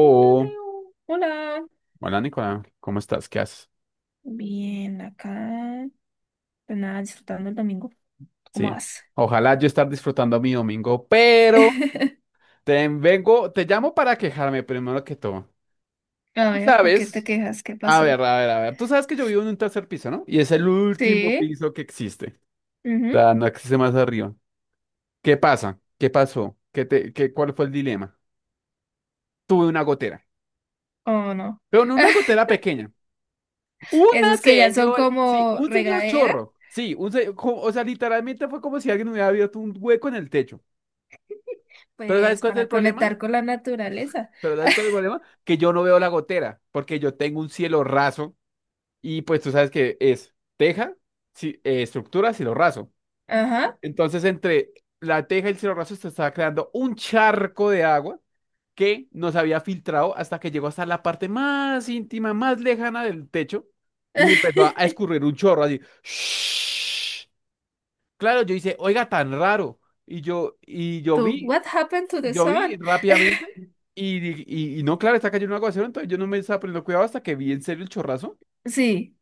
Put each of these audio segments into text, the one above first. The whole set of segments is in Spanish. Hola, Leo. Hola. hola Nicolás, ¿cómo estás? ¿Qué haces? Bien, acá. Pues nada, disfrutando el domingo. ¿Cómo Sí, vas? ojalá yo estar disfrutando mi domingo, pero te llamo para quejarme primero que todo. A Tú ver, ¿por qué te sabes, quejas? ¿Qué a pasó? ver, a ver, a ver, tú sabes que yo vivo en un tercer piso, ¿no? Y es el último ¿Sí? piso que existe. O Ujú. sea, no existe más arriba. ¿Qué pasa? ¿Qué pasó? ¿ Cuál fue el dilema? Tuve una gotera, ¿O no? pero no una gotera pequeña. Esos que ya son Sí, como un señor regadera, chorro. Sí, o sea, literalmente fue como si alguien hubiera abierto un hueco en el techo. Pero ¿sabes pues cuál es el para problema? conectar con la naturaleza. Pero ¿sabes cuál es el problema? Que yo no veo la gotera, porque yo tengo un cielo raso y pues tú sabes que es teja, estructura, cielo raso. Ajá. Entonces entre la teja y el cielo raso se estaba creando un charco de agua que nos había filtrado hasta que llegó hasta la parte más íntima, más lejana del techo y empezó a escurrir un chorro así. Claro, yo hice, oiga, tan raro. Y yo, y yo Tú, vi what happened to Y the yo vi sun? rápidamente y, y no, claro, está cayendo un aguacero, entonces yo no me estaba poniendo cuidado hasta que vi en serio el chorrazo. Sí,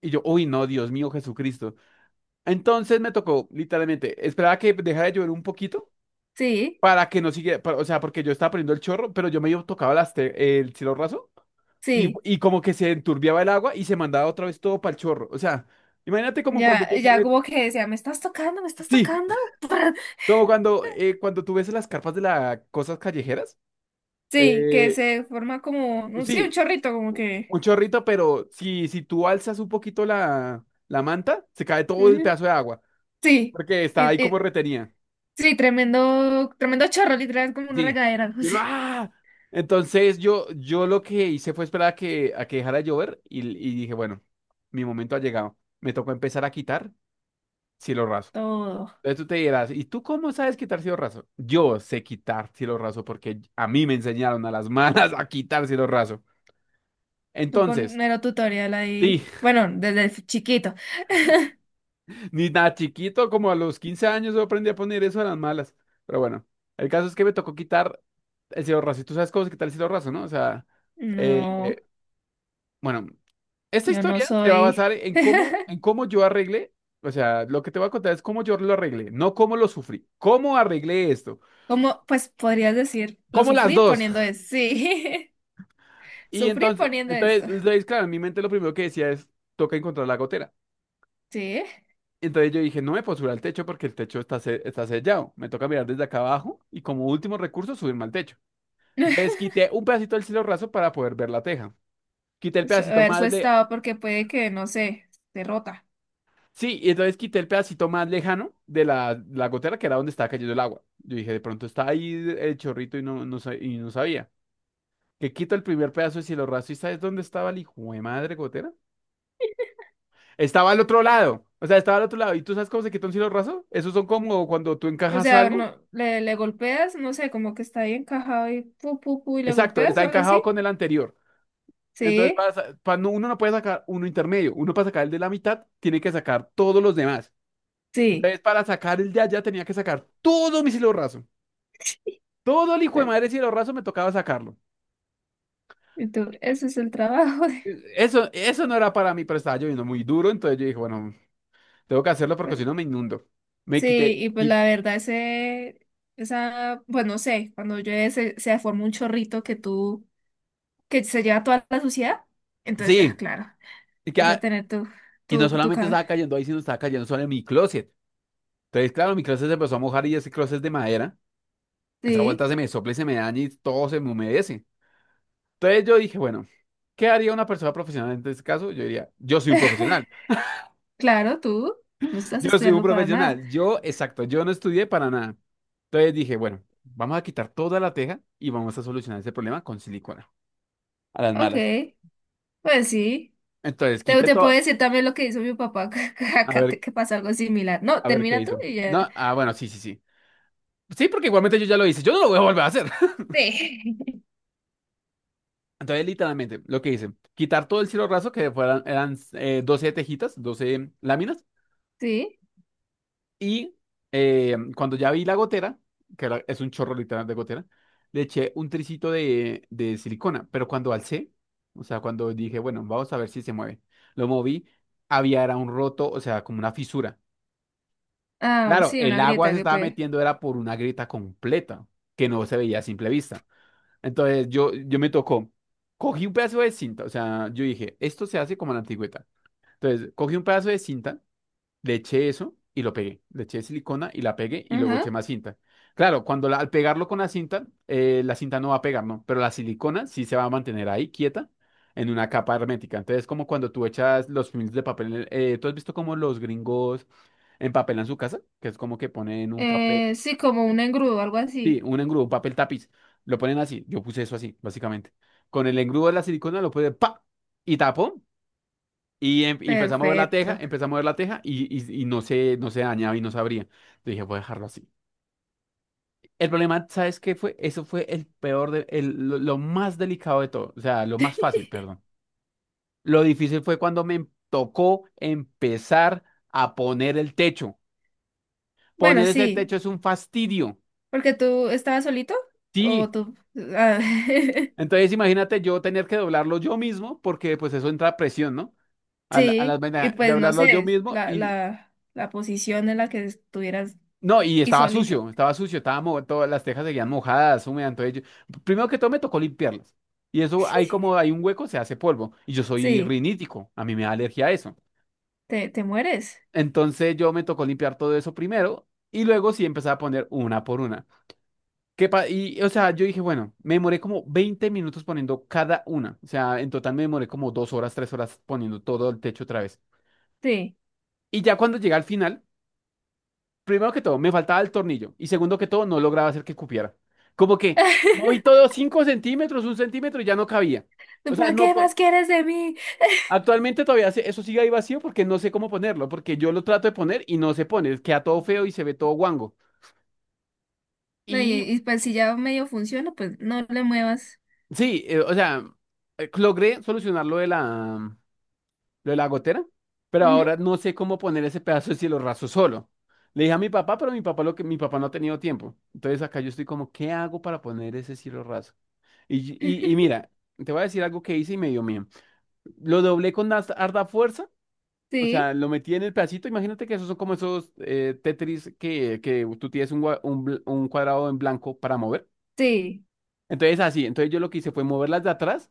Y yo, uy, no, Dios mío, Jesucristo. Entonces me tocó, literalmente, esperaba que dejara de llover un poquito sí, para que no siguiera, o sea, porque yo estaba poniendo el chorro, pero yo medio tocaba el cielo raso y, sí. y como que se enturbiaba el agua y se mandaba otra vez todo para el chorro. O sea, imagínate como cuando Ya, tú ya tienes, como que decía, ¿me estás tocando? ¿Me estás sí, tocando? Cuando tú ves las carpas de las cosas callejeras. Sí, que Eh, se forma como, sí, un Sí, chorrito, como que. un chorrito, pero si tú alzas un poquito la manta, se cae todo el Ujú. pedazo de agua, Sí, porque está ahí y- como y- retenida. sí, tremendo, tremendo chorro, literal, como una Sí. regadera, no Y sé. uno, ¡ah! Entonces yo lo que hice fue esperar a que dejara de llover y dije, bueno, mi momento ha llegado. Me tocó empezar a quitar cielo raso. Todo. Entonces tú te dirás, ¿y tú cómo sabes quitar cielo raso? Yo sé quitar cielo raso porque a mí me enseñaron a las malas a quitar cielo raso. Tú con Entonces, mero tutorial sí. ahí. Bueno, desde chiquito. Ni nada chiquito, como a los 15 años yo aprendí a poner eso a las malas. Pero bueno, el caso es que me tocó quitar el cielo raso. Y tú sabes cómo se quita el cielo raso, ¿no? O sea, No, eh, bueno, esta yo no historia se va a soy. basar en cómo yo arreglé. O sea, lo que te voy a contar es cómo yo lo arreglé, no cómo lo sufrí. ¿Cómo arreglé esto? ¿Cómo? Pues podrías decir, lo ¿Cómo las sufrí dos? poniendo esto. Sí, Y sufrí entonces, poniendo esto. Claro, en mi mente lo primero que decía es, toca encontrar la gotera. Sí. Entonces yo dije, no me puedo subir al techo porque el techo está sellado. Me toca mirar desde acá abajo y como último recurso subirme al techo. Entonces quité un pedacito del cielo raso para poder ver la teja. Quité el A pedacito ver su más le... estado, porque puede que, no sé, se rota. Sí, y entonces quité el pedacito más lejano de la gotera, que era donde estaba cayendo el agua. Yo dije, de pronto está ahí el chorrito y y no sabía. Que quito el primer pedazo de cielo raso y ¿sabes dónde estaba el hijo de madre gotera? Estaba al otro lado. O sea, estaba al otro lado. ¿Y tú sabes cómo se quita un cielo raso? Esos son como cuando tú O encajas sea, algo. no, le golpeas, no sé, como que está ahí encajado y pu, pu, pu, y le Exacto, golpeas está o algo encajado así. con el anterior. Entonces, Sí, para, sa- para no- uno no puede sacar uno intermedio. Uno para sacar el de la mitad, tiene que sacar todos los demás. sí. Entonces, para sacar el de allá tenía que sacar todo mi cielo raso. Todo el hijo de madre cielo raso me tocaba sacarlo. Y tú, ese es el trabajo. Eh, Eso, eso no era para mí, pero estaba lloviendo muy duro, entonces yo dije, bueno, tengo que hacerlo porque si Bueno, no me inundo. Me quité. sí, y pues la verdad, ese, esa, bueno, no sé, cuando llueve se forma un chorrito que tú, que se lleva toda la suciedad, entonces ya, Sí, claro, y, que, vas a tener tu, y no tu, tu solamente cabeza. estaba cayendo ahí, sino estaba cayendo sobre mi closet. Entonces, claro, mi closet se empezó a mojar y ese closet es de madera. Esa Sí, vuelta se me sopla y se me daña y todo se me humedece. Entonces yo dije, bueno, ¿qué haría una persona profesional en este caso? Yo diría, yo soy un profesional. claro, tú no estás Yo soy un estudiando para nada. profesional. Yo, exacto, yo no estudié para nada. Entonces dije, bueno, vamos a quitar toda la teja y vamos a solucionar ese problema con silicona, a las Ok, malas. pues sí. Entonces Te, quité te puedo todo. decir también lo que hizo mi papá, que A acá ver, que pasa algo similar. No, a ver qué termina tú hizo. y ya. No, ah, bueno, sí, sí, sí. Sí, porque igualmente yo ya lo hice. Yo no lo voy a volver a hacer. Sí. Entonces, literalmente, lo que hice, quitar todo el cielo raso, eran 12 tejitas, 12 láminas. Sí. Y Cuando ya vi la gotera, que es un chorro literal de gotera, le eché un tricito de silicona. Pero cuando alcé, o sea, cuando dije, bueno, vamos a ver si se mueve, lo moví, había era un roto, o sea, como una fisura. Ah, Claro, sí, una el agua grieta se que estaba puede. metiendo, era por una grieta completa, que no se veía a simple vista. Entonces yo me tocó, cogí un pedazo de cinta, o sea, yo dije, esto se hace como en la antigüedad. Entonces cogí un pedazo de cinta, le eché eso y lo pegué. Le eché silicona y la pegué y luego Ajá. eché más cinta. Claro, cuando al pegarlo con la cinta no va a pegar, ¿no? Pero la silicona sí se va a mantener ahí quieta en una capa hermética. Entonces, como cuando tú echas los films de papel, ¿tú has visto cómo los gringos empapelan su casa? Que es como que ponen un papel, Sí, como un engrudo, algo sí, así. un engrudo, un papel tapiz. Lo ponen así. Yo puse eso así, básicamente. Con el engrudo de la silicona lo puse, ¡pa! Y tapó. Y empecé a mover la teja, Perfecto. empecé a mover la teja y no se dañaba y no se abría. Yo dije, voy a dejarlo así. El problema, ¿sabes qué fue? Eso fue el peor, lo más delicado de todo, o sea, lo más fácil, perdón. Lo difícil fue cuando me tocó empezar a poner el techo. Bueno, Poner ese sí, techo es un fastidio. porque tú estabas solito Sí. o tú... ah, Entonces imagínate yo tener que doblarlo yo mismo porque pues eso entra presión, ¿no? A las sí, y vainas, pues no doblarlo yo sé, mismo la, y la, la posición en la que estuvieras no, y y estaba solito. sucio, estaba sucio, todas las tejas seguían mojadas, húmedas, entonces primero que todo me tocó limpiarlas. Y eso, ahí como hay un hueco, se hace polvo. Y yo soy Sí, rinítico, a mí me da alergia a eso. te mueres. Entonces yo me tocó limpiar todo eso primero y luego sí empezaba a poner una por una. O sea, yo dije, bueno, me demoré como 20 minutos poniendo cada una. O sea, en total me demoré como 2 horas, 3 horas poniendo todo el techo otra vez. Sí. Y ya cuando llegué al final. Primero que todo, me faltaba el tornillo. Y segundo que todo, no lograba hacer que cupiera. Como que moví todo 5 centímetros, 1 centímetro y ya no cabía. O En sea, plan, no ¿qué más quieres de mí? actualmente todavía eso sigue ahí vacío porque no sé cómo ponerlo, porque yo lo trato de poner y no se pone, queda todo feo y se ve todo guango. No, Y y pues si ya medio funciona, pues no le muevas. sí, o sea, logré solucionar lo de la, gotera, pero Ujú. ahora no sé cómo poner ese pedazo de cielo raso solo. Le dije a mi papá, pero mi papá lo que mi papá no ha tenido tiempo. Entonces acá yo estoy como, ¿qué hago para poner ese cielo raso? Y mira, te voy a decir algo que hice y me dio miedo. Lo doblé con harta fuerza, o Sí, sea, lo metí en el pedacito. Imagínate que esos son como esos Tetris que tú tienes un, un cuadrado en blanco para mover. sí, Entonces, así, entonces yo lo que hice fue moverlas de atrás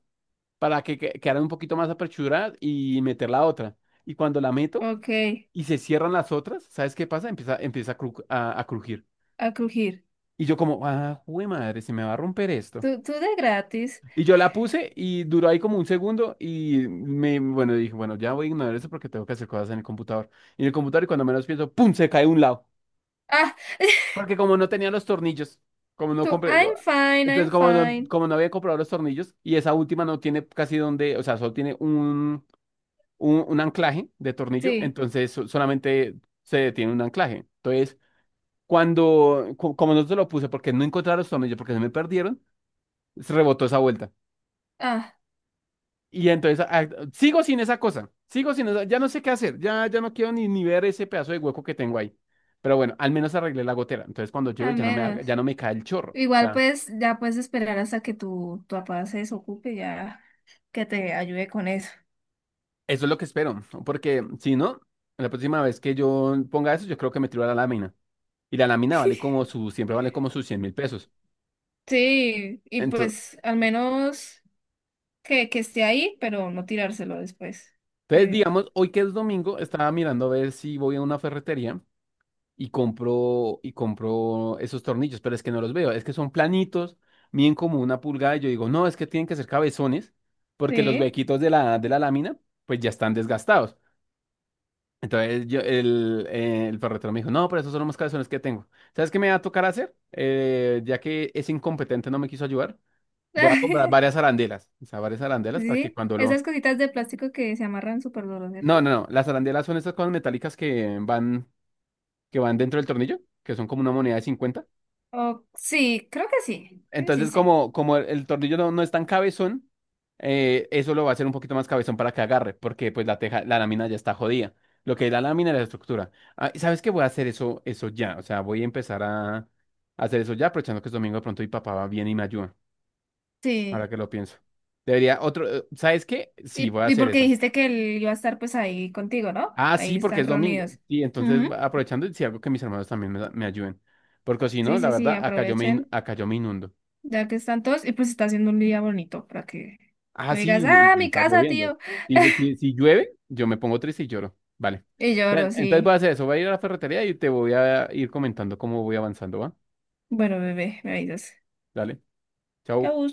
para que quedaran un poquito más aperchuradas y meter la otra. Y cuando la meto ok, y se cierran las otras, ¿sabes qué pasa? Empieza a crujir. a crujir. Y yo como, ah, jue madre, se me va a romper esto. Tú de gratis. Y yo la puse y duró ahí como un segundo y me, bueno, dije, bueno, ya voy a ignorar eso porque tengo que hacer cosas en el computador. Y en el computador, y cuando menos pienso, ¡pum! Se cae un lado. Ah. Porque como no tenía los tornillos, como no Tú, compré, I'm fine, entonces I'm como no, fine. Había comprado los tornillos y esa última no tiene casi donde, o sea, solo tiene un, anclaje de tornillo, Sí, entonces solamente se detiene un anclaje. Entonces, como no se lo puse porque no encontraba los tornillos, porque se me perdieron, se rebotó esa vuelta. ah, Y entonces sigo sin esa cosa, sigo sin esa, ya no sé qué hacer, ya no quiero ni ver ese pedazo de hueco que tengo ahí. Pero bueno, al menos arreglé la gotera. Entonces cuando llueve al menos. ya no me cae el chorro. O Igual sea, pues ya puedes esperar hasta que tu papá se desocupe, ya que te ayude con eso. eso es lo que espero, porque si no, la próxima vez que yo ponga eso, yo creo que me tiro a la lámina. Y la lámina vale siempre vale como sus 100.000 pesos. Sí, y Entonces, pues al menos que esté ahí, pero no tirárselo después. Que- digamos, hoy que es domingo, estaba mirando a ver si voy a una ferretería y compro esos tornillos, pero es que no los veo, es que son planitos, miden como 1 pulgada, y yo digo, no, es que tienen que ser cabezones, porque los Sí. huequitos de la lámina, pues ya están desgastados. Entonces el ferretero me dijo, no, pero esos son los más cabezones que tengo. ¿Sabes qué me va a tocar hacer? Ya que ese incompetente no me quiso ayudar, voy a comprar varias arandelas, o sea, varias arandelas para que Sí, cuando lo. esas cositas de plástico que se amarran súper duro, No, ¿cierto? no, no, las arandelas son estas cosas metálicas que van dentro del tornillo, que son como una moneda de 50. Sí, creo que sí. creo que Sí, Entonces, sí. Como el tornillo no es tan cabezón, eso lo va a hacer un poquito más cabezón para que agarre, porque pues la teja, la lámina ya está jodida. Lo que es la lámina es la estructura. Ah, y ¿sabes qué? Voy a hacer eso, eso ya. O sea, voy a empezar a hacer eso ya, aprovechando que es domingo de pronto y papá va bien y me ayuda. Ahora Sí. que lo pienso. Debería otro, ¿sabes qué? Sí, voy a Y hacer porque eso. dijiste que él iba a estar pues ahí contigo, ¿no? Ah, Ahí sí, porque están es domingo. reunidos. Sí, entonces Ujú. Aprovechando y si algo que mis hermanos también me ayuden. Porque si Sí, no, la sí, sí, verdad, acá aprovechen, acá yo me inundo. ya que están todos, y pues está haciendo un día bonito para que Ah, me digas, sí, ah, y mi está casa, lloviendo. tío. Y pues, si llueve, yo me pongo triste y lloro. Vale. Y lloro, Entonces voy a sí. hacer eso. Voy a ir a la ferretería y te voy a ir comentando cómo voy avanzando, ¿va? Bueno, bebé, me avisas. Dale. Chao. Chau.